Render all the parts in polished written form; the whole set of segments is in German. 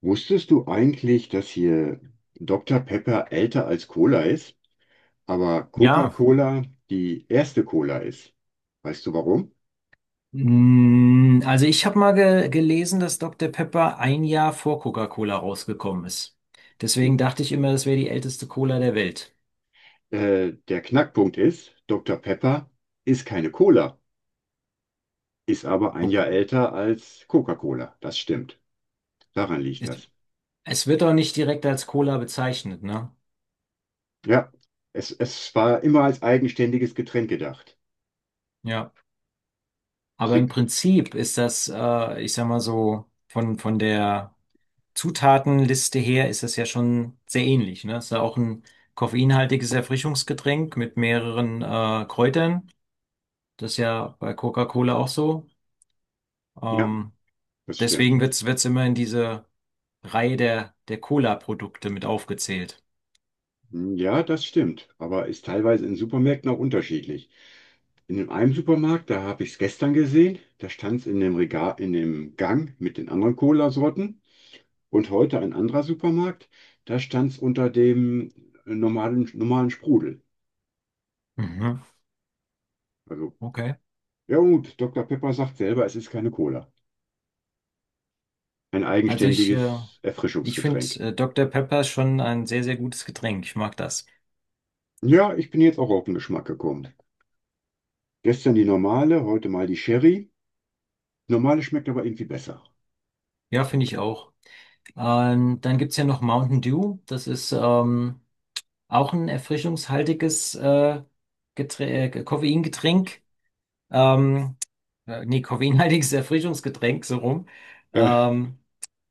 Wusstest du eigentlich, dass hier Dr. Pepper älter als Cola ist, aber Ja, Coca-Cola die erste Cola ist? Weißt du warum? Also ich habe mal ge gelesen, dass Dr. Pepper ein Jahr vor Coca-Cola rausgekommen ist. Deswegen dachte ich immer, das wäre die älteste Cola der Welt. Der Knackpunkt ist, Dr. Pepper ist keine Cola, ist aber ein Okay. Jahr älter als Coca-Cola. Das stimmt. Daran liegt Es, das. es wird auch nicht direkt als Cola bezeichnet, ne? Ja, es war immer als eigenständiges Getränk gedacht. Ja. Aber im Trick. Prinzip ist das, ich sag mal so, von der Zutatenliste her ist das ja schon sehr ähnlich, ne? Ist ja auch ein koffeinhaltiges Erfrischungsgetränk mit mehreren Kräutern. Das ist ja bei Coca-Cola auch so. Ja, Ähm, das stimmt. Deswegen wird es immer in diese Reihe der Cola-Produkte mit aufgezählt. Hm, ja, das stimmt, aber ist teilweise in Supermärkten auch unterschiedlich. In dem einen Supermarkt, da habe ich es gestern gesehen, da stand es in dem Regal, in dem Gang mit den anderen Cola-Sorten. Und heute ein anderer Supermarkt, da stand es unter dem normalen Sprudel. Mhm. Also, Okay. ja gut, Dr. Pepper sagt selber, es ist keine Cola. Ein Also ich, äh, eigenständiges ich finde Erfrischungsgetränk. Dr. Pepper schon ein sehr, sehr gutes Getränk. Ich mag das. Ja, ich bin jetzt auch auf den Geschmack gekommen. Gestern die normale, heute mal die Sherry. Normale schmeckt aber irgendwie besser. Ja, finde ich auch. Dann gibt's ja noch Mountain Dew. Das ist auch ein erfrischungshaltiges Geträ Koffeingetränk. Ähm, Nee, koffeinhaltiges Erfrischungsgetränk, so rum. Äh, Ähm,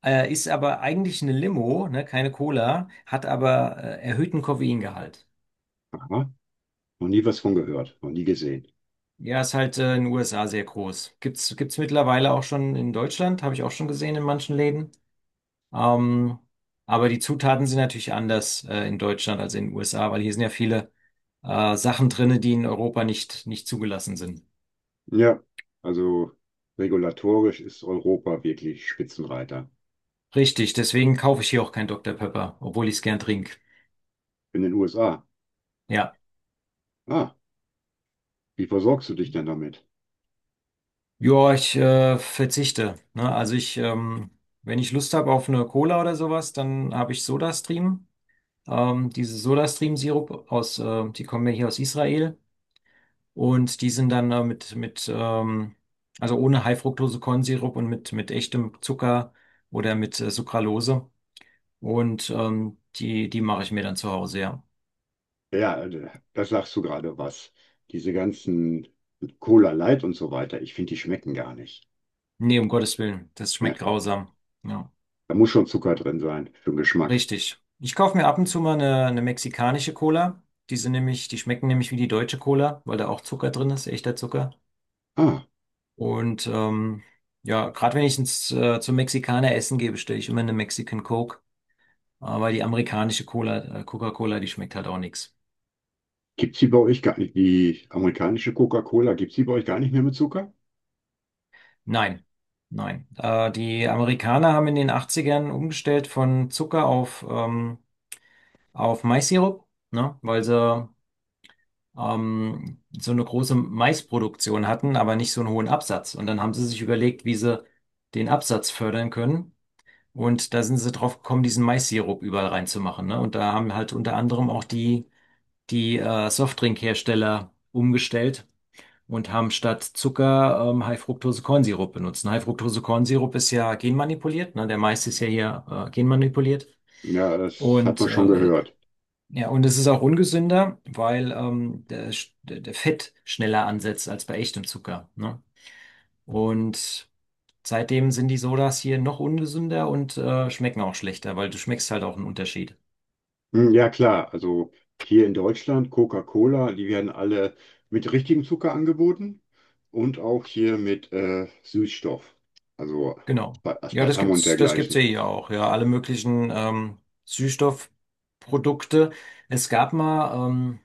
Ist aber eigentlich eine Limo, ne, keine Cola, hat aber erhöhten Koffeingehalt. aha, noch nie was von gehört, noch nie gesehen. Ja, ist halt in den USA sehr groß. Gibt's mittlerweile auch schon in Deutschland, habe ich auch schon gesehen in manchen Läden. Ähm, aber die Zutaten sind natürlich anders in Deutschland als in den USA, weil hier sind ja viele Sachen drinne, die in Europa nicht zugelassen sind. Ja, also regulatorisch ist Europa wirklich Spitzenreiter. Richtig, deswegen kaufe ich hier auch kein Dr. Pepper, obwohl ich es gern trinke. In den USA. Ja. Ah, wie versorgst du dich denn damit? Ja, ich verzichte. Ne? Also wenn ich Lust habe auf eine Cola oder sowas, dann habe ich SodaStream. Diese SodaStream-Sirup die kommen ja hier aus Israel und die sind dann mit also ohne High-Fructose-Kornsirup und mit echtem Zucker oder mit Sucralose und die mache ich mir dann zu Hause. Ja, Ja, da sagst du gerade was. Diese ganzen Cola Light und so weiter, ich finde, die schmecken gar nicht. nee, um Gottes Willen, das Ja, schmeckt grausam. Ja. da muss schon Zucker drin sein für den Geschmack. Richtig. Ich kaufe mir ab und zu mal eine mexikanische Cola. Die schmecken nämlich wie die deutsche Cola, weil da auch Zucker drin ist, echter Zucker. Ah, Und ja, gerade wenn ich zum Mexikaner essen gehe, bestelle ich immer eine Mexican Coke. Aber die amerikanische Cola, Coca-Cola, die schmeckt halt auch nichts. gibt's die bei euch gar nicht, die amerikanische Coca-Cola, gibt's die bei euch gar nicht mehr mit Zucker? Nein, nein. Die Amerikaner haben in den Achtzigern umgestellt von Zucker auf Maissirup, ne? Weil sie so eine große Maisproduktion hatten, aber nicht so einen hohen Absatz. Und dann haben sie sich überlegt, wie sie den Absatz fördern können. Und da sind sie drauf gekommen, diesen Mais-Sirup überall reinzumachen, ne? Und da haben halt unter anderem auch die Softdrinkhersteller umgestellt und haben statt Zucker High-Fructose-Kornsirup benutzt. Und High-Fructose-Kornsirup ist ja genmanipuliert, ne? Der Mais ist ja hier genmanipuliert. Ja, das hat Und man schon äh, gehört. ja, und es ist auch ungesünder, weil der Fett schneller ansetzt als bei echtem Zucker. Ne? Und seitdem sind die Sodas hier noch ungesünder und schmecken auch schlechter, weil du schmeckst halt auch einen Unterschied. Hm, ja, klar. Also hier in Deutschland, Coca-Cola, die werden alle mit richtigem Zucker angeboten und auch hier mit Süßstoff, also Genau. Ja, das Aspartam und gibt's, das gibt's ja dergleichen. hier ja auch. Ja, alle möglichen Süßstoffprodukte. Es gab mal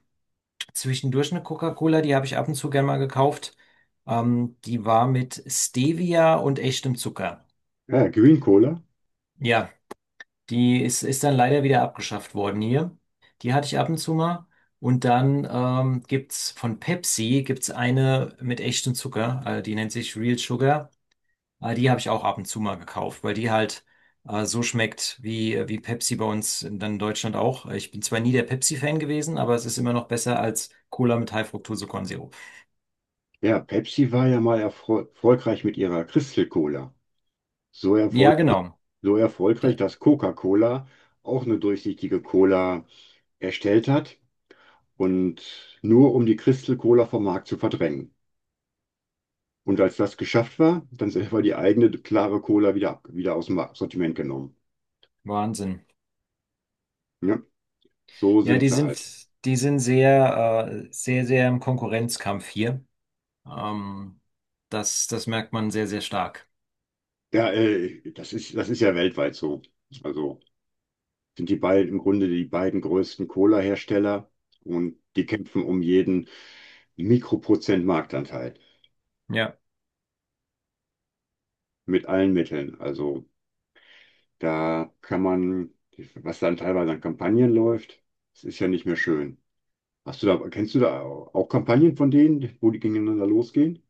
zwischendurch eine Coca-Cola, die habe ich ab und zu gerne mal gekauft. Die war mit Stevia und echtem Zucker. Ja, Green Cola. Ja, die ist dann leider wieder abgeschafft worden hier. Die hatte ich ab und zu mal. Und dann gibt's von Pepsi gibt's eine mit echtem Zucker, die nennt sich Real Sugar. Die habe ich auch ab und zu mal gekauft, weil die halt so schmeckt wie Pepsi bei uns dann in Deutschland auch. Ich bin zwar nie der Pepsi-Fan gewesen, aber es ist immer noch besser als Cola mit High-Fructose-Kornsirup. Ja, Pepsi war ja mal erfolgreich mit ihrer Crystal Cola. So, erfol Ja, genau. so erfolgreich, Da, dass Coca-Cola auch eine durchsichtige Cola erstellt hat und nur um die Crystal Cola vom Markt zu verdrängen. Und als das geschafft war, dann selber die eigene klare Cola wieder, wieder aus dem Sortiment genommen. Wahnsinn. Ne? So Ja, sind die sie halt. sind, die sind sehr, sehr, sehr im Konkurrenzkampf hier. Ähm, das merkt man sehr, sehr stark. Ja, das ist ja weltweit so. Also sind die beiden im Grunde die beiden größten Cola-Hersteller und die kämpfen um jeden Mikroprozent Marktanteil Ja. mit allen Mitteln. Also da kann man, was dann teilweise an Kampagnen läuft, das ist ja nicht mehr schön. Kennst du da auch Kampagnen von denen, wo die gegeneinander losgehen?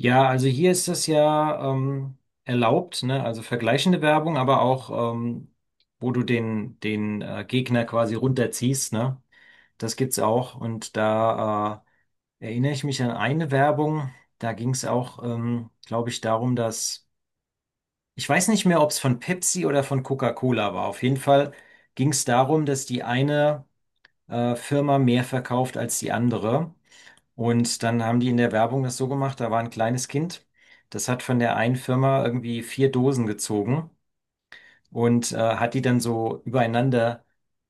Ja, also hier ist das ja erlaubt, ne? Also vergleichende Werbung, aber auch, wo du den Gegner quasi runterziehst, ne? Das gibt's auch. Und da erinnere ich mich an eine Werbung, da ging's auch, glaube ich, darum, ich weiß nicht mehr, ob's von Pepsi oder von Coca-Cola war. Auf jeden Fall ging's darum, dass die eine Firma mehr verkauft als die andere. Und dann haben die in der Werbung das so gemacht, da war ein kleines Kind, das hat von der einen Firma irgendwie vier Dosen gezogen und hat die dann so übereinander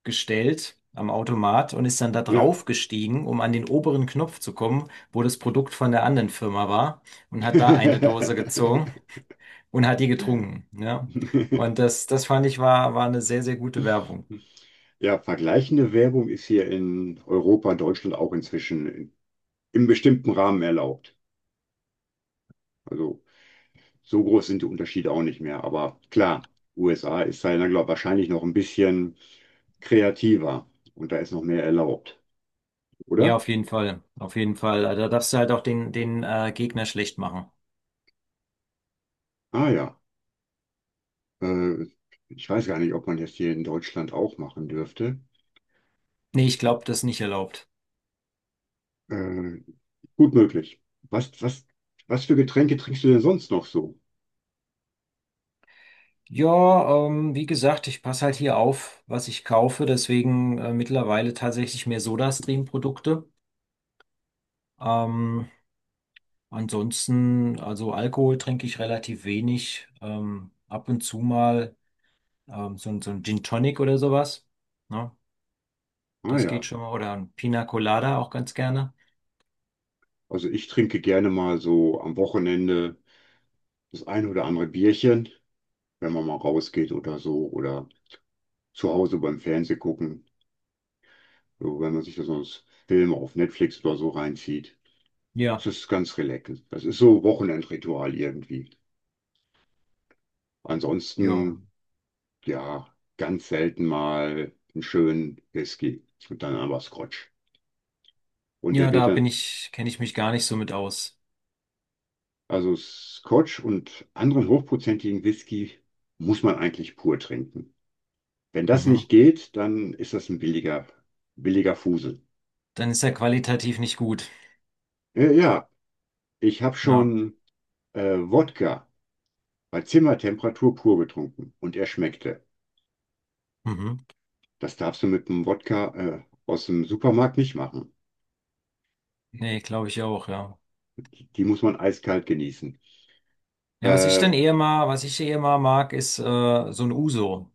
gestellt am Automat und ist dann da Ja. drauf gestiegen, um an den oberen Knopf zu kommen, wo das Produkt von der anderen Firma war und hat da eine Dose gezogen und hat die getrunken. Ja. Und das fand ich war eine sehr, sehr gute Werbung. Ja, vergleichende Werbung ist hier in Europa, Deutschland auch im bestimmten Rahmen erlaubt. Also so groß sind die Unterschiede auch nicht mehr. Aber klar, USA ist da, glaube wahrscheinlich noch ein bisschen kreativer und da ist noch mehr erlaubt, Ja, oder? auf jeden Fall. Auf jeden Fall. Also da darfst du halt auch den Gegner schlecht machen. Ah ja, äh, ich weiß gar nicht, ob man das hier in Deutschland auch machen dürfte. Nee, ich glaube, das ist nicht erlaubt. Äh, gut möglich. Was, was, was für Getränke trinkst du denn sonst noch so? Ja, wie gesagt, ich passe halt hier auf, was ich kaufe, deswegen mittlerweile tatsächlich mehr SodaStream-Produkte. Ähm, Ansonsten, also Alkohol trinke ich relativ wenig, ab und zu mal so, so ein Gin Tonic oder sowas. Ne? Ah Das geht ja. schon mal. Oder ein Pina Colada auch ganz gerne. Also ich trinke gerne mal so am Wochenende das ein oder andere Bierchen, wenn man mal rausgeht oder so, oder zu Hause beim Fernsehen gucken, so, wenn man sich da sonst Filme auf Netflix oder so reinzieht. Das Ja, ist ganz relaxend. Das ist so Wochenendritual irgendwie. ja. Ansonsten, ja, ganz selten mal einen schönen Whisky und dann aber Scotch. Und Ja, der wird dann, kenne ich mich gar nicht so mit aus. also Scotch und anderen hochprozentigen Whisky muss man eigentlich pur trinken. Wenn das Mhm. nicht geht, dann ist das ein billiger Fusel. Dann ist er qualitativ nicht gut. Ja, ich habe Ja. schon Wodka bei Zimmertemperatur pur getrunken und er schmeckte. Mhm. Das darfst du mit einem Wodka aus dem Supermarkt nicht machen. Nee, glaube ich auch, ja. Die muss man eiskalt genießen. Ja, Äh, was ich eher mal mag, ist so ein Uso.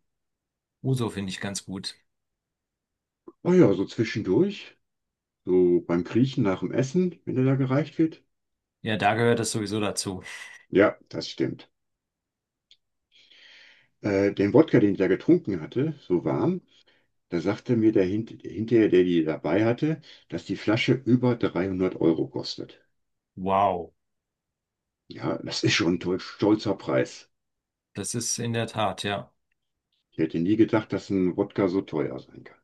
Uso finde ich ganz gut. oh ja, so zwischendurch, so beim Kriechen nach dem Essen, wenn er da gereicht wird. Ja, da gehört das sowieso dazu. Ja, das stimmt. Den Wodka, den ich da getrunken hatte, so warm, da sagte mir der hinterher, der die dabei hatte, dass die Flasche über 300 Euro kostet. Wow, Ja, das ist schon ein stolzer Preis. das ist in der Tat, ja. Ich hätte nie gedacht, dass ein Wodka so teuer sein kann.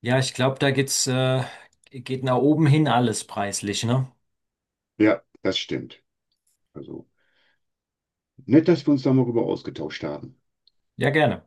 Ja, ich glaube, da geht nach oben hin alles preislich, ne? Ja, das stimmt. Also nett, dass wir uns da mal rüber ausgetauscht haben. Ja, gerne.